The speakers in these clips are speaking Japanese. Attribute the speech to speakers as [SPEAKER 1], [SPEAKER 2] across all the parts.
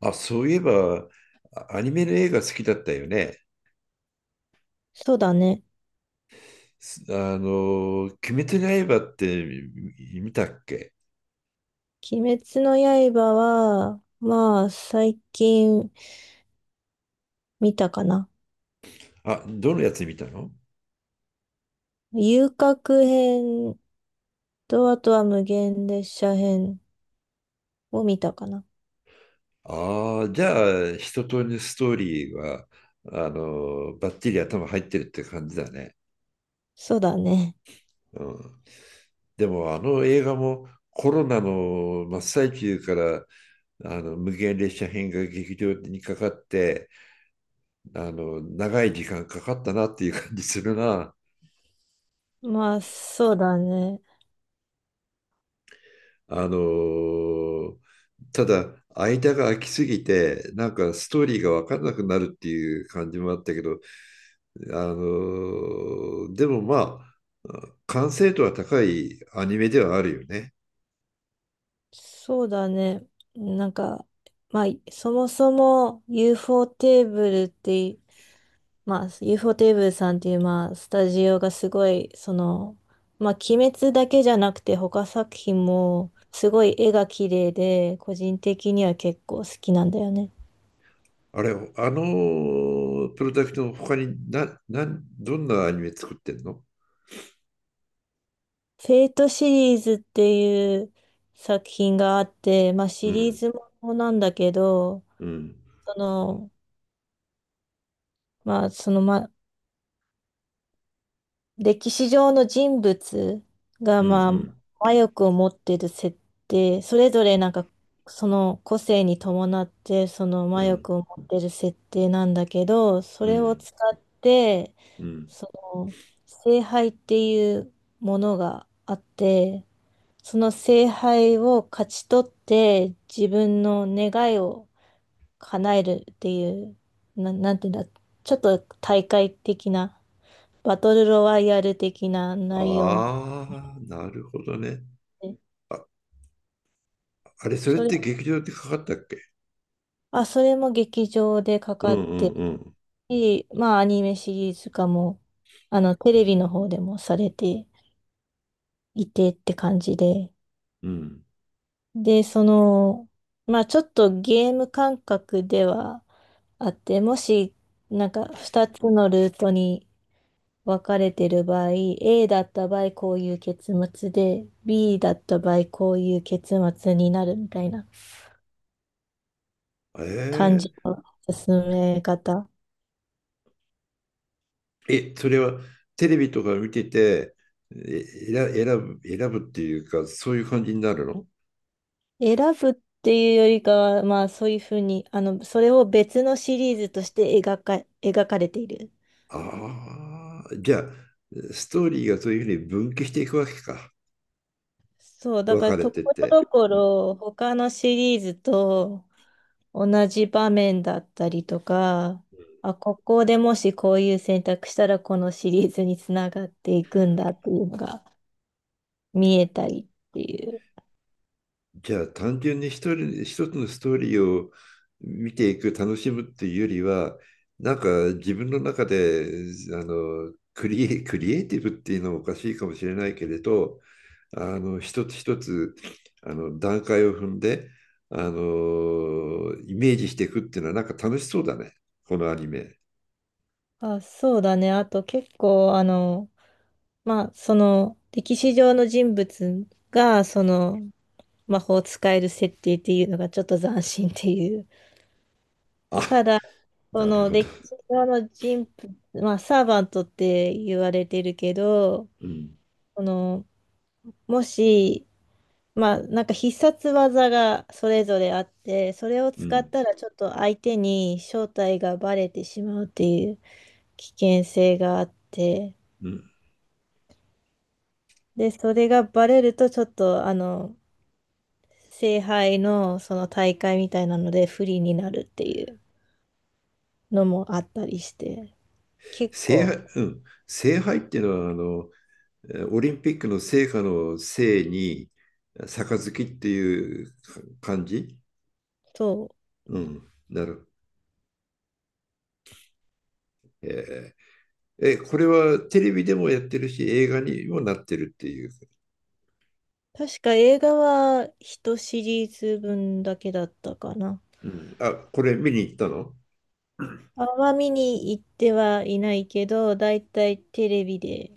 [SPEAKER 1] あ、そういえば、アニメの映画好きだったよね。
[SPEAKER 2] そうだね。
[SPEAKER 1] すあの、鬼滅の刃って見たっけ？
[SPEAKER 2] 鬼滅の刃は、まあ、最近見たかな。
[SPEAKER 1] あ、どのやつ見たの？
[SPEAKER 2] 遊郭編と、あとは無限列車編を見たかな。
[SPEAKER 1] ああ、じゃあ、一通りのストーリーは、バッチリ頭入ってるって感じだね。
[SPEAKER 2] そうだね。
[SPEAKER 1] うん。でも、あの映画もコロナの真っ最中から、無限列車編が劇場にかかって、長い時間かかったなっていう感じするな。
[SPEAKER 2] まあ、そうだね。
[SPEAKER 1] あのただ間が空きすぎてなんかストーリーが分からなくなるっていう感じもあったけど、でもまあ完成度は高いアニメではあるよね。
[SPEAKER 2] そうだね。なんか、まあ、そもそも UFO テーブルって、まあ、u フォーテーブルさんっていう、まあ、スタジオがすごい、その、まあ、鬼滅だけじゃなくて、他作品も、すごい絵が綺麗で、個人的には結構好きなんだよね。
[SPEAKER 1] あれ、あのプロダクトの他にどんなアニメ作ってんの？
[SPEAKER 2] フェイトシリーズっていう作品があって、まあ、
[SPEAKER 1] う
[SPEAKER 2] シリー
[SPEAKER 1] ん、
[SPEAKER 2] ズものなんだけど、
[SPEAKER 1] うん、
[SPEAKER 2] その、まあ、その、歴史上の人物が、
[SPEAKER 1] うん、う
[SPEAKER 2] まあ、
[SPEAKER 1] ん、
[SPEAKER 2] 魔力を持ってる設定、それぞれなんか、その個性に伴って、その魔
[SPEAKER 1] うん、
[SPEAKER 2] 力を持ってる設定なんだけど、そ
[SPEAKER 1] う
[SPEAKER 2] れを
[SPEAKER 1] ん。
[SPEAKER 2] 使って、
[SPEAKER 1] うん。
[SPEAKER 2] その、聖杯っていうものがあって、その聖杯を勝ち取って、自分の願いを叶えるっていう、なんていうんだ、ちょっと大会的なバトルロワイヤル的な内容なの
[SPEAKER 1] ああ、なるほどね。
[SPEAKER 2] で、
[SPEAKER 1] あ、あれ、それっ
[SPEAKER 2] それ、
[SPEAKER 1] て劇場でかかったっけ？
[SPEAKER 2] それも劇場でか
[SPEAKER 1] う
[SPEAKER 2] かって
[SPEAKER 1] ん、
[SPEAKER 2] る
[SPEAKER 1] うん、
[SPEAKER 2] し、まあアニメシリーズ化も、あの、テレビの方でもされていてって感じで、
[SPEAKER 1] うん。
[SPEAKER 2] で、その、まあちょっとゲーム感覚ではあって、もし、なんか2つのルートに分かれてる場合、A だった場合こういう結末で、B だった場合こういう結末になるみたいな、感
[SPEAKER 1] え
[SPEAKER 2] じの進め方。
[SPEAKER 1] ええ、それはテレビとか見てて、え、選選選ぶっていうか、そういう感じになるの？
[SPEAKER 2] 選ぶっていうよりかは、まあそういうふうに、あの、それを別のシリーズとして描かれている。
[SPEAKER 1] ああ、じゃあ、ストーリーがそういうふうに分岐していくわけか。
[SPEAKER 2] そう、だ
[SPEAKER 1] 分
[SPEAKER 2] から
[SPEAKER 1] かれ
[SPEAKER 2] と
[SPEAKER 1] て
[SPEAKER 2] ころ
[SPEAKER 1] て。
[SPEAKER 2] どこ
[SPEAKER 1] うん。
[SPEAKER 2] ろ他のシリーズと同じ場面だったりとか、あ、ここでもしこういう選択したらこのシリーズにつながっていくんだっていうのが見えたりっていう。
[SPEAKER 1] じゃあ、単純に一人、一つのストーリーを見ていく、楽しむっていうよりは、なんか自分の中で、クリエイティブっていうのもおかしいかもしれないけれど、一つ一つ段階を踏んでイメージしていくっていうのはなんか楽しそうだね、このアニメ。
[SPEAKER 2] あ、そうだね。あと結構あの、まあ、その、歴史上の人物が、その、魔法を使える設定っていうのがちょっと斬新っていう。
[SPEAKER 1] あ、
[SPEAKER 2] ただ、そ
[SPEAKER 1] なる
[SPEAKER 2] の、
[SPEAKER 1] ほど。
[SPEAKER 2] 歴史上の人物、まあ、サーバントって言われてるけど、
[SPEAKER 1] うん、
[SPEAKER 2] その、もし、まあ、なんか必殺技がそれぞれあって、それを
[SPEAKER 1] う
[SPEAKER 2] 使っ
[SPEAKER 1] ん、
[SPEAKER 2] たらちょっと相手に正体がバレてしまうっていう危険性があって、
[SPEAKER 1] うん。
[SPEAKER 2] で、それがバレるとちょっと、あの、聖杯のその大会みたいなので不利になるっていうのもあったりして、結
[SPEAKER 1] 聖
[SPEAKER 2] 構、
[SPEAKER 1] 杯、うん、聖杯っていうのは、オリンピックの聖火の聖に杯っていう感じ？
[SPEAKER 2] そう。
[SPEAKER 1] うん、なる。えーえこれはテレビでもやってるし映画にもなってるっていう？
[SPEAKER 2] 確か映画は一シリーズ分だけだったかな。
[SPEAKER 1] うん、あ、これ見に行ったの？
[SPEAKER 2] あんま見に行ってはいないけど、だいたいテレビで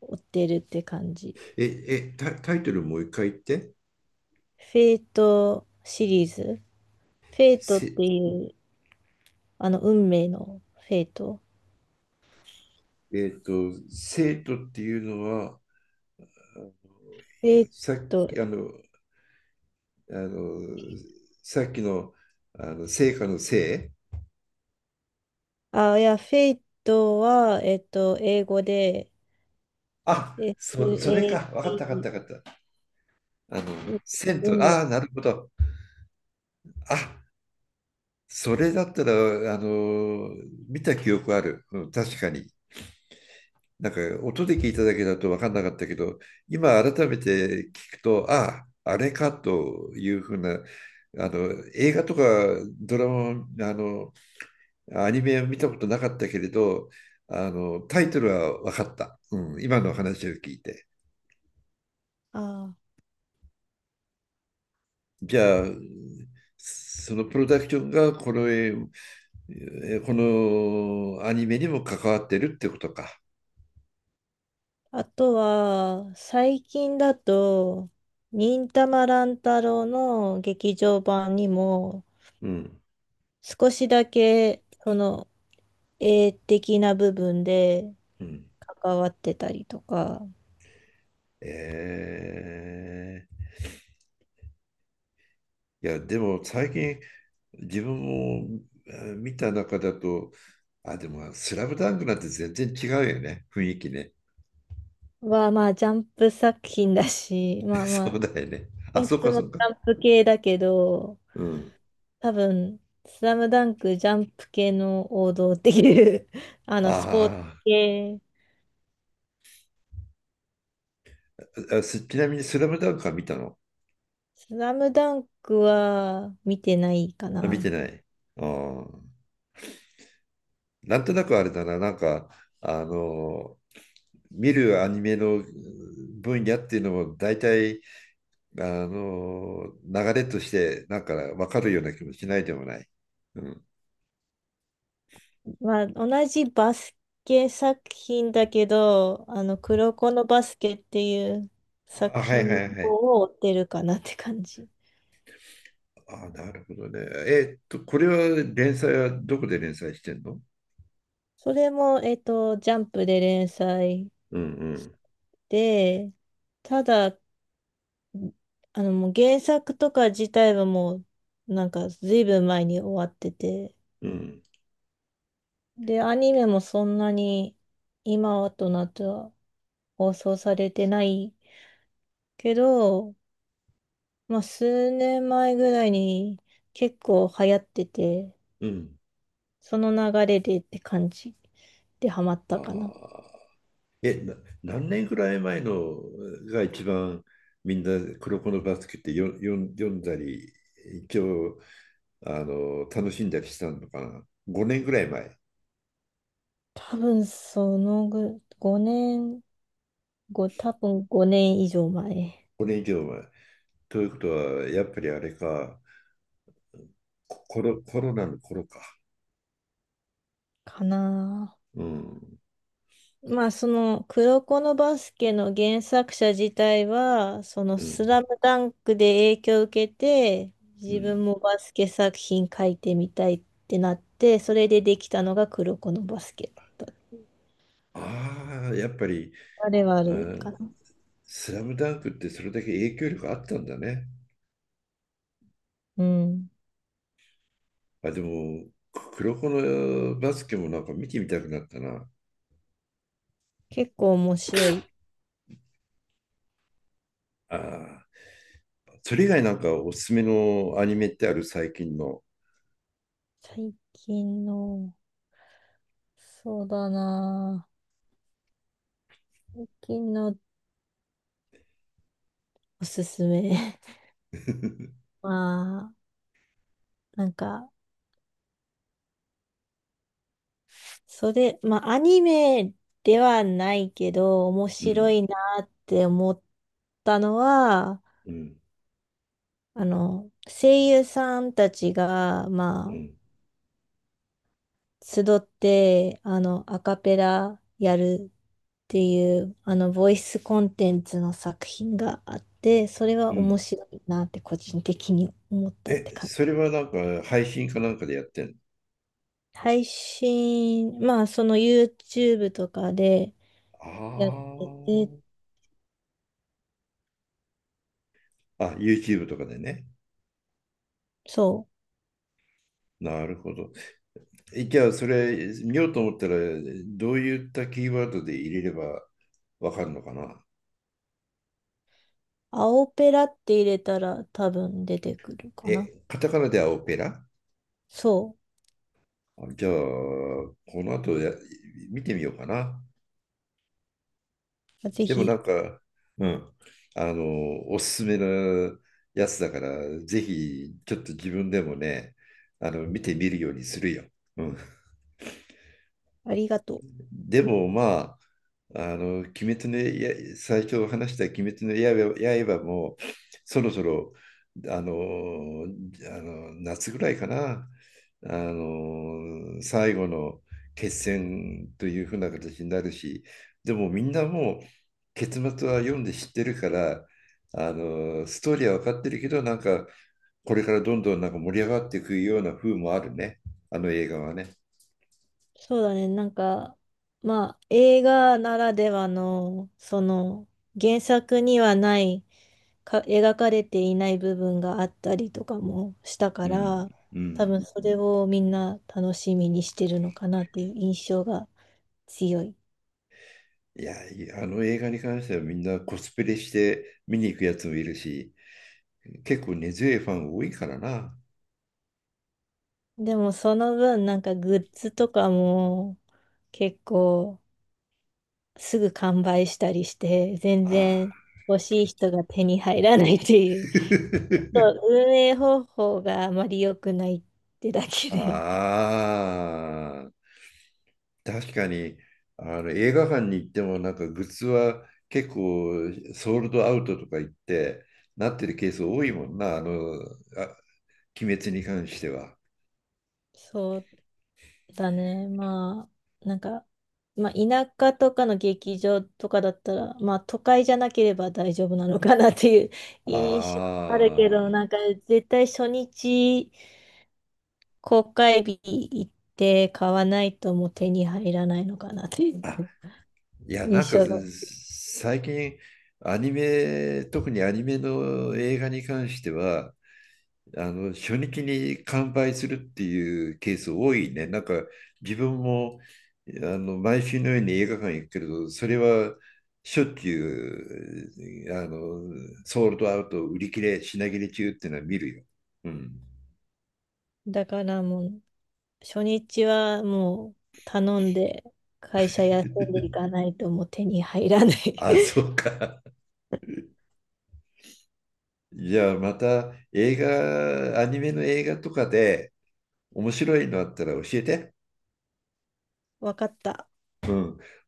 [SPEAKER 2] 追ってるって感じ。
[SPEAKER 1] タイトルもう一回言って。
[SPEAKER 2] フェイトシリーズ。フェイトっ
[SPEAKER 1] せ、
[SPEAKER 2] ていう、あの、運命のフェイト。
[SPEAKER 1] えっと、生徒っていうのは、あの
[SPEAKER 2] フェイ
[SPEAKER 1] さっき、
[SPEAKER 2] ト、
[SPEAKER 1] あの、さっきの、成果のせい。
[SPEAKER 2] いや、フェイトは、英語で、
[SPEAKER 1] あ、それか。わかった、わかっ
[SPEAKER 2] SAT、
[SPEAKER 1] た、わかった。あの、
[SPEAKER 2] う、
[SPEAKER 1] 生
[SPEAKER 2] う
[SPEAKER 1] 徒、
[SPEAKER 2] む。
[SPEAKER 1] ああ、なるほど。あ、それだったら、あの、見た記憶ある。うん、確かに。なんか音で聞いただけだと分かんなかったけど、今改めて聞くと、ああ、あれかというふうな、あの映画とかドラマ、あのアニメを見たことなかったけれど、あのタイトルは分かった、うん、今の話を聞いて。
[SPEAKER 2] あ
[SPEAKER 1] じゃあ、そのプロダクションがこのアニメにも関わってるってことか。
[SPEAKER 2] あ。あとは、最近だと、忍たま乱太郎の劇場版にも、
[SPEAKER 1] うん、
[SPEAKER 2] 少しだけ、その、絵的な部分で
[SPEAKER 1] うん、
[SPEAKER 2] 関わってたりとか
[SPEAKER 1] えーいや、でも最近自分も見た中だと、あ、でも、スラムダンクなんて全然違うよね、雰囲気ね。
[SPEAKER 2] は、まあ、ジャンプ作品だし、ま あま
[SPEAKER 1] そうだ
[SPEAKER 2] あ、
[SPEAKER 1] よね。あ、
[SPEAKER 2] い
[SPEAKER 1] そっ
[SPEAKER 2] つ
[SPEAKER 1] か
[SPEAKER 2] も
[SPEAKER 1] そっ
[SPEAKER 2] ジ
[SPEAKER 1] か。
[SPEAKER 2] ャンプ系だけど、
[SPEAKER 1] うん。
[SPEAKER 2] 多分、スラムダンクジャンプ系の王道っていう、あの、スポーツ
[SPEAKER 1] あ
[SPEAKER 2] 系。
[SPEAKER 1] ーあ、ちなみにスラムダンクは見たの？
[SPEAKER 2] スラムダンクは見てないか
[SPEAKER 1] あ、見て
[SPEAKER 2] な。
[SPEAKER 1] ない。あーなんとなくあれだな、なんか、あのー、見るアニメのうん分野っていうのも大体、流れとして、なんか分かるような気もしないでもない。うん。
[SPEAKER 2] まあ、同じバスケ作品だけど、あの、黒子のバスケっていう
[SPEAKER 1] あ、
[SPEAKER 2] 作
[SPEAKER 1] はいは
[SPEAKER 2] 品
[SPEAKER 1] いはい。
[SPEAKER 2] を追ってるかなって感じ。
[SPEAKER 1] あ、なるほどね。これは連載はどこで連載してんの？
[SPEAKER 2] それも、ジャンプで連載
[SPEAKER 1] うん、う
[SPEAKER 2] し
[SPEAKER 1] ん、
[SPEAKER 2] て、ただ、あの、もう原作とか自体はもう、なんか、ずいぶん前に終わってて、
[SPEAKER 1] うん、
[SPEAKER 2] で、アニメもそんなに今となっては放送されてないけど、まあ、数年前ぐらいに結構流行ってて、
[SPEAKER 1] うん。
[SPEAKER 2] その流れでって感じでハマっ
[SPEAKER 1] あ
[SPEAKER 2] たかな。
[SPEAKER 1] あ。え、な、何年ぐらい前のが一番みんな黒子のバスケってよよん読んだり、一応楽しんだりしたのかな。5年ぐらい前？
[SPEAKER 2] 多分そのぐ、5年、多分5年以上前
[SPEAKER 1] 5年以上前。ということは、やっぱりあれか、コロナの頃か。
[SPEAKER 2] かな。
[SPEAKER 1] うん、
[SPEAKER 2] まあその黒子のバスケの原作者自体は、その
[SPEAKER 1] う
[SPEAKER 2] ス
[SPEAKER 1] ん、
[SPEAKER 2] ラムダンクで影響を受けて、
[SPEAKER 1] う
[SPEAKER 2] 自
[SPEAKER 1] ん。
[SPEAKER 2] 分もバスケ作品書いてみたいってなって、それでできたのが黒子のバスケ、だった
[SPEAKER 1] ああ、やっぱり、
[SPEAKER 2] あれはあ
[SPEAKER 1] あ
[SPEAKER 2] るかな。
[SPEAKER 1] スラムダンクってそれだけ影響力あったんだね。
[SPEAKER 2] うん。
[SPEAKER 1] あ、でも、黒子のバスケもなんか見てみたくなったな。
[SPEAKER 2] 結構面白い。
[SPEAKER 1] ああ。それ以外なんかおすすめのアニメってある、最近の？
[SPEAKER 2] 最近の、そうだなぁ。最近のおすすめ。まあ、なんか、それ、まあ、アニメではないけど、面
[SPEAKER 1] う
[SPEAKER 2] 白
[SPEAKER 1] ん、
[SPEAKER 2] いなって思ったのは、
[SPEAKER 1] うん、
[SPEAKER 2] あの、声優さんたちが、
[SPEAKER 1] う
[SPEAKER 2] ま
[SPEAKER 1] ん、
[SPEAKER 2] あ、集って、あの、アカペラやるっていう、あの、ボイスコンテンツの作品があって、それ
[SPEAKER 1] う
[SPEAKER 2] は面
[SPEAKER 1] ん。
[SPEAKER 2] 白いなって個人的に思ったって感じ。
[SPEAKER 1] それはなんか配信かなんかでやってんの？
[SPEAKER 2] 配信、まあ、その YouTube とかでやってて、
[SPEAKER 1] ああ。あ、YouTube とかでね。
[SPEAKER 2] そ
[SPEAKER 1] なるほど。じゃあ、それ見ようと思ったら、どういったキーワードで入れればわかるのかな？
[SPEAKER 2] う、青ペラって入れたら多分出てくるかな。
[SPEAKER 1] カタカナではオペラ？
[SPEAKER 2] そ
[SPEAKER 1] あ、じゃあ、この後見てみようかな。
[SPEAKER 2] う。ぜ
[SPEAKER 1] でもな
[SPEAKER 2] ひ、
[SPEAKER 1] んか、うん、おすすめのやつだから、ぜひ、ちょっと自分でもね、見てみるようにするよ。うん。
[SPEAKER 2] ありがとう。
[SPEAKER 1] でもまあ、鬼滅の刃、最初話した鬼滅の刃も、そろそろ、あの、あの夏ぐらいかな、最後の決戦というふうな形になるし、でもみんなもう、結末は読んで知ってるから、ストーリーは分かってるけど、なんか、これからどんどんなんか盛り上がっていくような風もあるね、あの映画はね。
[SPEAKER 2] そうだね。なんか、まあ、映画ならではの、その、原作にはない、描かれていない部分があったりとかもしたか
[SPEAKER 1] うん、
[SPEAKER 2] ら、
[SPEAKER 1] う
[SPEAKER 2] 多
[SPEAKER 1] ん。
[SPEAKER 2] 分それをみんな楽しみにしてるのかなっていう印象が強い。
[SPEAKER 1] いや、あの映画に関してはみんなコスプレして見に行くやつもいるし、結構根強いファン多いからな。
[SPEAKER 2] でもその分、なんかグッズとかも結構すぐ完売したりして、全
[SPEAKER 1] ああ。
[SPEAKER 2] 然欲しい人が手に入らないっていう、そう、 運営方法があまり良くないってだけ
[SPEAKER 1] あ
[SPEAKER 2] で。
[SPEAKER 1] あ。確かに、あの映画館に行ってもなんかグッズは結構ソールドアウトとか言ってなってるケース多いもんな、あ、鬼滅に関しては。
[SPEAKER 2] そうだね。まあ、なんか、まあ、田舎とかの劇場とかだったら、まあ、都会じゃなければ大丈夫なのかなっていう 印象あるけ
[SPEAKER 1] あ
[SPEAKER 2] ど、
[SPEAKER 1] あ。
[SPEAKER 2] なんか、絶対初日、公開日行って買わないともう手に入らないのかなっていう
[SPEAKER 1] あ、いや、なん
[SPEAKER 2] 印
[SPEAKER 1] か
[SPEAKER 2] 象が。
[SPEAKER 1] 最近、アニメ、特にアニメの映画に関しては、初日に完売するっていうケース多いね。なんか自分も毎週のように映画館行くけれど、それはしょっちゅうソールドアウト、売り切れ、品切れ中っていうのは見るよ。うん。
[SPEAKER 2] だからもう、初日はもう頼んで会社休んでいかないともう手に入らない。
[SPEAKER 1] あ、そうか。じゃあまた映画、アニメの映画とかで面白いのあったら教えて。
[SPEAKER 2] わかった。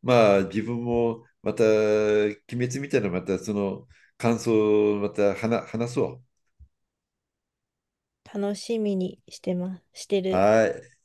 [SPEAKER 1] まあ自分もまた、鬼滅みたいなまたその感想をまた話、話そ
[SPEAKER 2] 楽しみにしてます。して
[SPEAKER 1] う。
[SPEAKER 2] る。
[SPEAKER 1] はい。